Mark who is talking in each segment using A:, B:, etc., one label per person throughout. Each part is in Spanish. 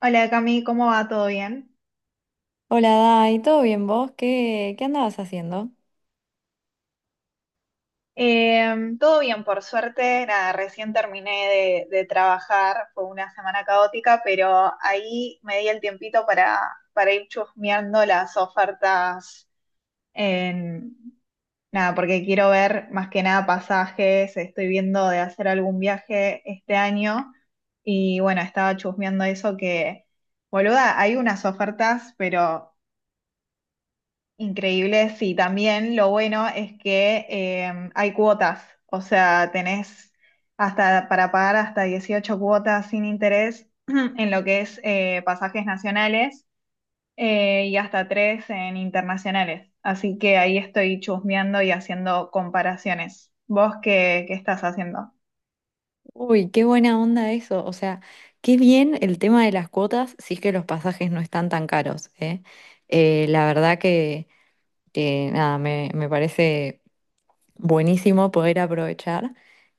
A: Hola Cami, ¿cómo va? ¿Todo bien?
B: Hola, Dai, ¿todo bien vos? ¿Qué andabas haciendo?
A: Todo bien, por suerte. Nada, recién terminé de trabajar, fue una semana caótica, pero ahí me di el tiempito para ir chusmeando las ofertas en... Nada, porque quiero ver más que nada pasajes, estoy viendo de hacer algún viaje este año y bueno, estaba chusmeando eso que, boluda, hay unas ofertas, pero increíble, sí. También lo bueno es que hay cuotas, o sea, tenés hasta para pagar hasta 18 cuotas sin interés en lo que es pasajes nacionales y hasta tres en internacionales. Así que ahí estoy chusmeando y haciendo comparaciones. ¿Vos qué estás haciendo?
B: Uy, qué buena onda eso. O sea, qué bien el tema de las cuotas, si es que los pasajes no están tan caros, ¿eh? La verdad que nada, me parece buenísimo poder aprovechar.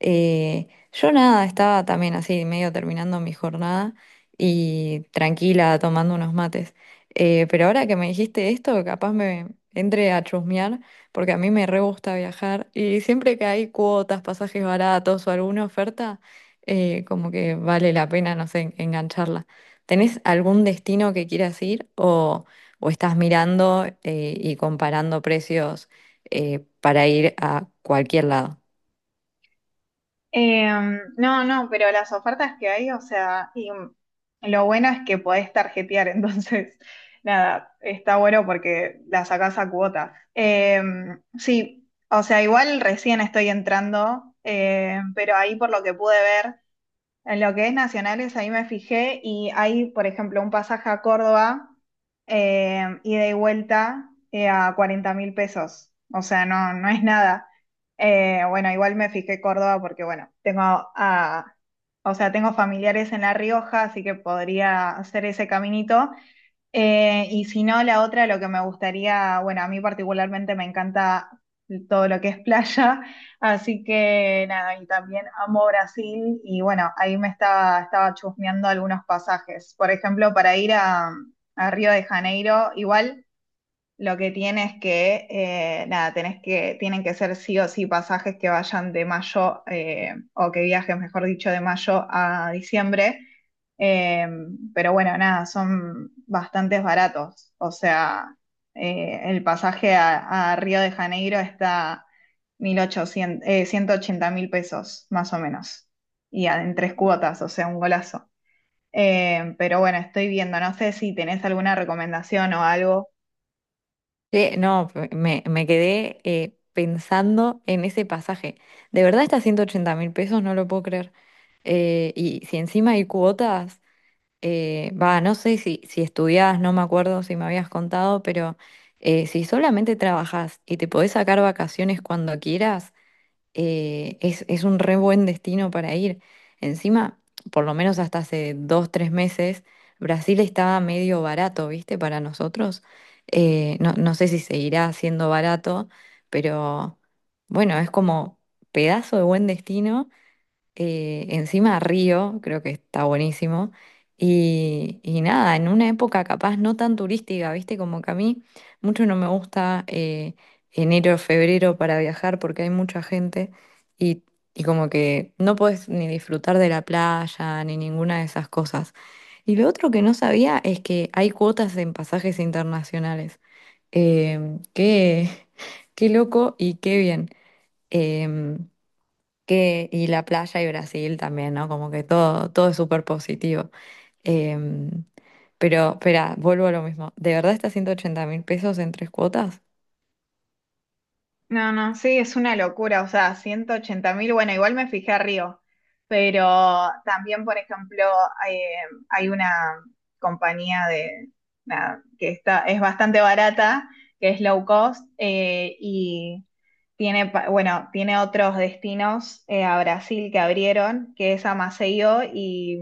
B: Eh, yo nada, estaba también así, medio terminando mi jornada y tranquila, tomando unos mates. Pero ahora que me dijiste esto, capaz me entre a chusmear, porque a mí me re gusta viajar y siempre que hay cuotas, pasajes baratos o alguna oferta, como que vale la pena, no sé, engancharla. ¿Tenés algún destino que quieras ir o estás mirando y comparando precios? Para ir a cualquier lado.
A: No, no, pero las ofertas que hay, o sea, y lo bueno es que podés tarjetear, entonces, nada, está bueno porque la sacás a cuota. Sí, o sea, igual recién estoy entrando, pero ahí por lo que pude ver. En lo que es nacionales, ahí me fijé y hay, por ejemplo, un pasaje a Córdoba, ida y vuelta, a 40.000 pesos. O sea, no, no es nada. Bueno, igual me fijé Córdoba porque, bueno, o sea, tengo familiares en La Rioja, así que podría hacer ese caminito. Y si no, la otra, lo que me gustaría, bueno, a mí particularmente me encanta todo lo que es playa, así que nada, y también amo Brasil y bueno, ahí estaba chusmeando algunos pasajes. Por ejemplo, para ir a Río de Janeiro, igual lo que tiene es que, nada, tienen que ser sí o sí pasajes que vayan de mayo, o que viajen, mejor dicho, de mayo a diciembre. Eh, pero bueno, nada, son bastantes baratos. O sea, el pasaje a Río de Janeiro está 1800, 180.000 pesos, más o menos. Y en tres cuotas, o sea, un golazo. Pero bueno, estoy viendo, no sé si tenés alguna recomendación o algo.
B: Sí, no, me quedé pensando en ese pasaje. De verdad, está 180 mil pesos, no lo puedo creer. Y si encima hay cuotas, no sé si, si estudiás, no me acuerdo si me habías contado, pero si solamente trabajás y te podés sacar vacaciones cuando quieras, es un re buen destino para ir. Encima, por lo menos hasta hace dos, tres meses, Brasil estaba medio barato, ¿viste? Para nosotros. No, no sé si seguirá siendo barato, pero bueno, es como pedazo de buen destino, encima Río, creo que está buenísimo. Y nada, en una época capaz no tan turística, ¿viste? Como que a mí mucho no me gusta, enero, febrero para viajar porque hay mucha gente y, y como que no puedes ni disfrutar de la playa ni ninguna de esas cosas. Y lo otro que no sabía es que hay cuotas en pasajes internacionales. Qué, qué loco y qué bien. Em, que, y la playa y Brasil también, ¿no? Como que todo, todo es súper positivo. Em, pero, espera, vuelvo a lo mismo. ¿De verdad está 180 mil pesos en tres cuotas?
A: No, no, sí, es una locura, o sea, 180 mil, bueno, igual me fijé a Río, pero también, por ejemplo, eh, hay una compañía de, nada, es bastante barata, que es low cost, y bueno, tiene otros destinos a Brasil que abrieron, que es a Maceió y,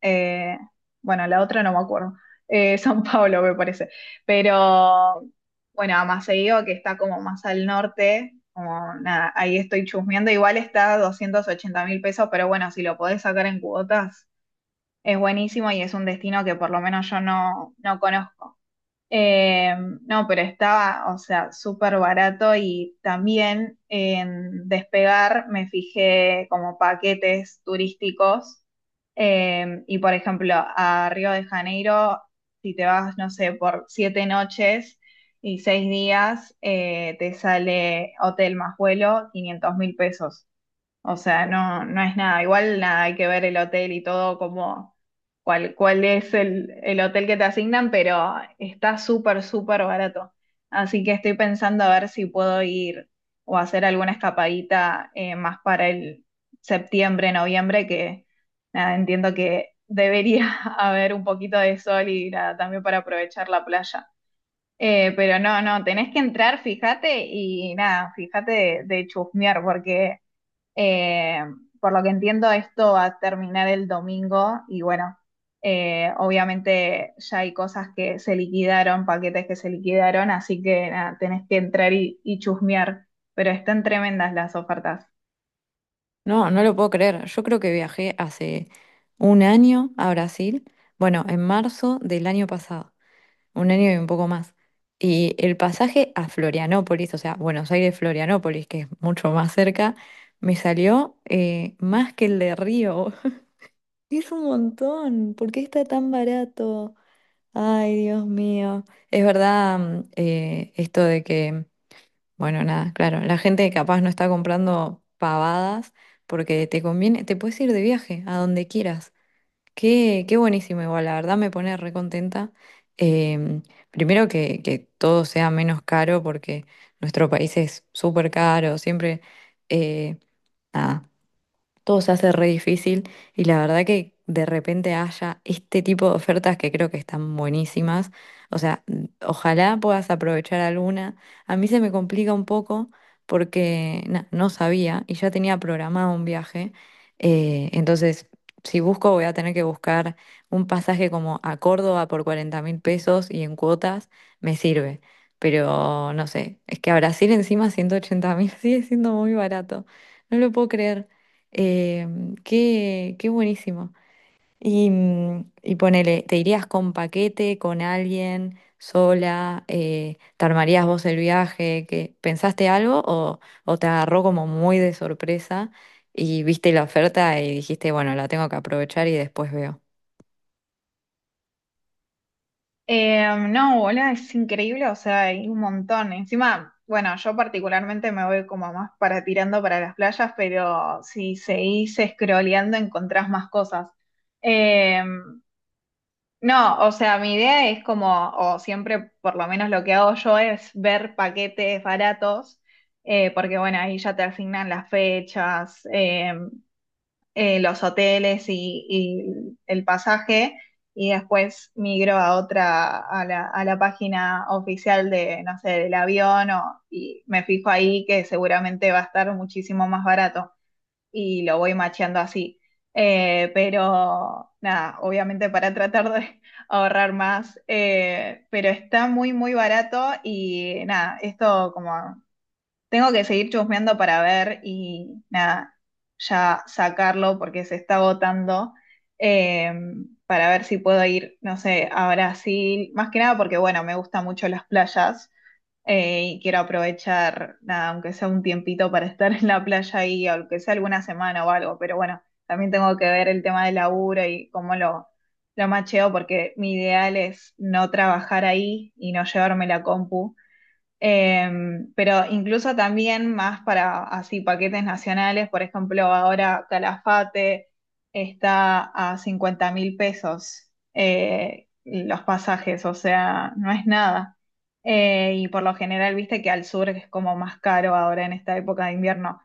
A: eh, bueno, la otra no me acuerdo, São Paulo me parece, pero... Bueno, a Maceió, que está como más al norte, como nada, ahí estoy chusmeando. Igual está 280.000 pesos, pero bueno, si lo podés sacar en cuotas, es buenísimo y es un destino que por lo menos yo no, no conozco. Eh, no, pero estaba, o sea, súper barato y también en Despegar me fijé como paquetes turísticos y por ejemplo a Río de Janeiro, si te vas, no sé, por 7 noches y 6 días, te sale hotel más vuelo 500.000 pesos. O sea, no, no es nada. Igual nada, hay que ver el hotel y todo como cuál es el hotel que te asignan, pero está súper, súper barato. Así que estoy pensando a ver si puedo ir o hacer alguna escapadita más para el septiembre, noviembre, que nada, entiendo que debería haber un poquito de sol y nada, también para aprovechar la playa. Pero no, no, tenés que entrar, fíjate, y nada, fíjate de chusmear, porque eh, por lo que entiendo, esto va a terminar el domingo y bueno, obviamente ya hay cosas que se liquidaron, paquetes que se liquidaron, así que nada, tenés que entrar y chusmear, pero están tremendas las ofertas.
B: No, no lo puedo creer. Yo creo que viajé hace un año a Brasil, bueno, en marzo del año pasado, un año y un poco más. Y el pasaje a Florianópolis, o sea, Buenos Aires, Florianópolis, que es mucho más cerca, me salió más que el de Río. Es un montón. ¿Por qué está tan barato? Ay, Dios mío. Es verdad. Esto de que, bueno, nada, claro, la gente capaz no está comprando pavadas porque te conviene, te puedes ir de viaje a donde quieras. Qué, qué buenísimo, igual, la verdad me pone recontenta. Em, Primero que todo sea menos caro porque nuestro país es súper caro, siempre, eh, nada, todo se hace re difícil y la verdad que de repente haya este tipo de ofertas que creo que están buenísimas. O sea, ojalá puedas aprovechar alguna. A mí se me complica un poco porque na, no sabía y ya tenía programado un viaje. Entonces, si busco, voy a tener que buscar un pasaje como a Córdoba por 40 mil pesos y en cuotas me sirve. Pero no sé, es que a Brasil encima 180 mil sigue siendo muy barato. No lo puedo creer. Eh, Qué, qué buenísimo. Y, mm, y ponele, ¿te irías con paquete, con alguien, sola? ¿Te armarías vos el viaje? ¿Qué- pensaste algo o te agarró como muy de sorpresa y viste la oferta y dijiste, bueno, la tengo que aprovechar y después veo?
A: No, hola, es increíble, o sea, hay un montón. Encima, bueno, yo particularmente me voy como más para tirando para las playas, pero si seguís scrolleando encontrás más cosas. Eh, No, o sea, mi idea es como, o siempre por lo menos lo que hago yo es ver paquetes baratos, porque bueno, ahí ya te asignan las fechas, los hoteles y el pasaje, y después migro a otra, a la página oficial de, no sé, del avión, y me fijo ahí que seguramente va a estar muchísimo más barato y lo voy macheando así. Pero nada, obviamente para tratar de ahorrar más, pero está muy, muy barato y nada, esto como tengo que seguir chusmeando para ver y nada, ya sacarlo porque se está agotando eh, para ver si puedo ir, no sé, a Brasil, más que nada porque bueno, me gustan mucho las playas y quiero aprovechar, nada, aunque sea un tiempito para estar en la playa y aunque sea alguna semana o algo, pero bueno, también tengo que ver el tema del laburo y cómo lo macheo, porque mi ideal es no trabajar ahí y no llevarme la compu. Pero incluso también más para así paquetes nacionales, por ejemplo, ahora Calafate está a 50.000 pesos los pasajes, o sea, no es nada. Y por lo general, viste que al sur es como más caro ahora en esta época de invierno.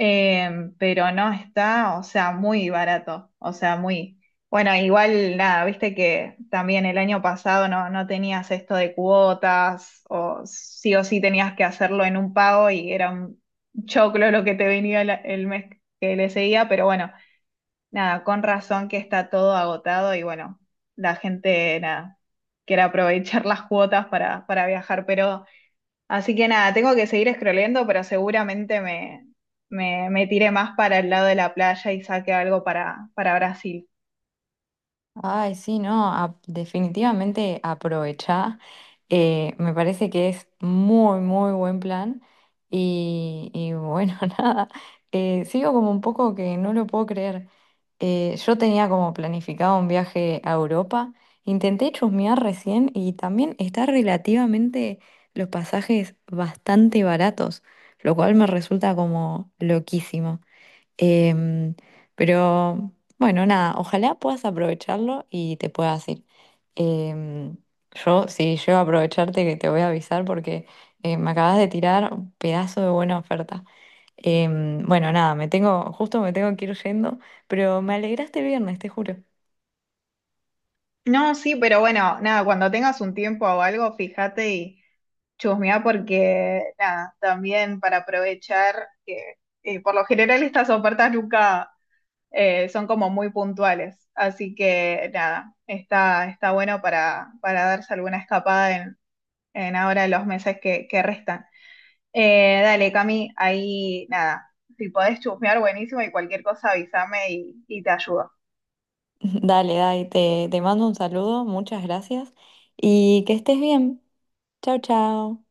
A: Pero no está, o sea, muy barato, o sea, muy. Bueno, igual nada, viste que también el año pasado no, no tenías esto de cuotas, o sí tenías que hacerlo en un pago y era un choclo lo que te venía el mes que le seguía, pero bueno, nada, con razón que está todo agotado y bueno, la gente nada, quiere aprovechar las cuotas para viajar, pero así que nada, tengo que seguir scrolleando, pero seguramente me tiré más para el lado de la playa y saque algo para Brasil.
B: Ay, sí, no, definitivamente aprovechá. Me parece que es muy, muy buen plan. Y bueno, nada, sigo como un poco que no lo puedo creer. Yo tenía como planificado un viaje a Europa. Intenté chusmear recién y también está relativamente los pasajes bastante baratos, lo cual me resulta como loquísimo. Em, pero bueno, nada, ojalá puedas aprovecharlo y te puedas ir. Em, yo, si llego a aprovecharte, que te voy a avisar porque me acabas de tirar un pedazo de buena oferta. Bueno, nada, justo me tengo que ir yendo, pero me alegraste el viernes, te juro.
A: No, sí, pero bueno, nada, cuando tengas un tiempo o algo, fíjate y chusmea porque, nada, también para aprovechar que por lo general estas ofertas nunca son como muy puntuales, así que nada, está bueno para darse alguna escapada en ahora los meses que restan. Dale, Cami, ahí nada, si podés chusmear, buenísimo y cualquier cosa avísame y te ayudo.
B: Dale, Dai, te mando un saludo, muchas gracias y que estés bien. Chao, chao.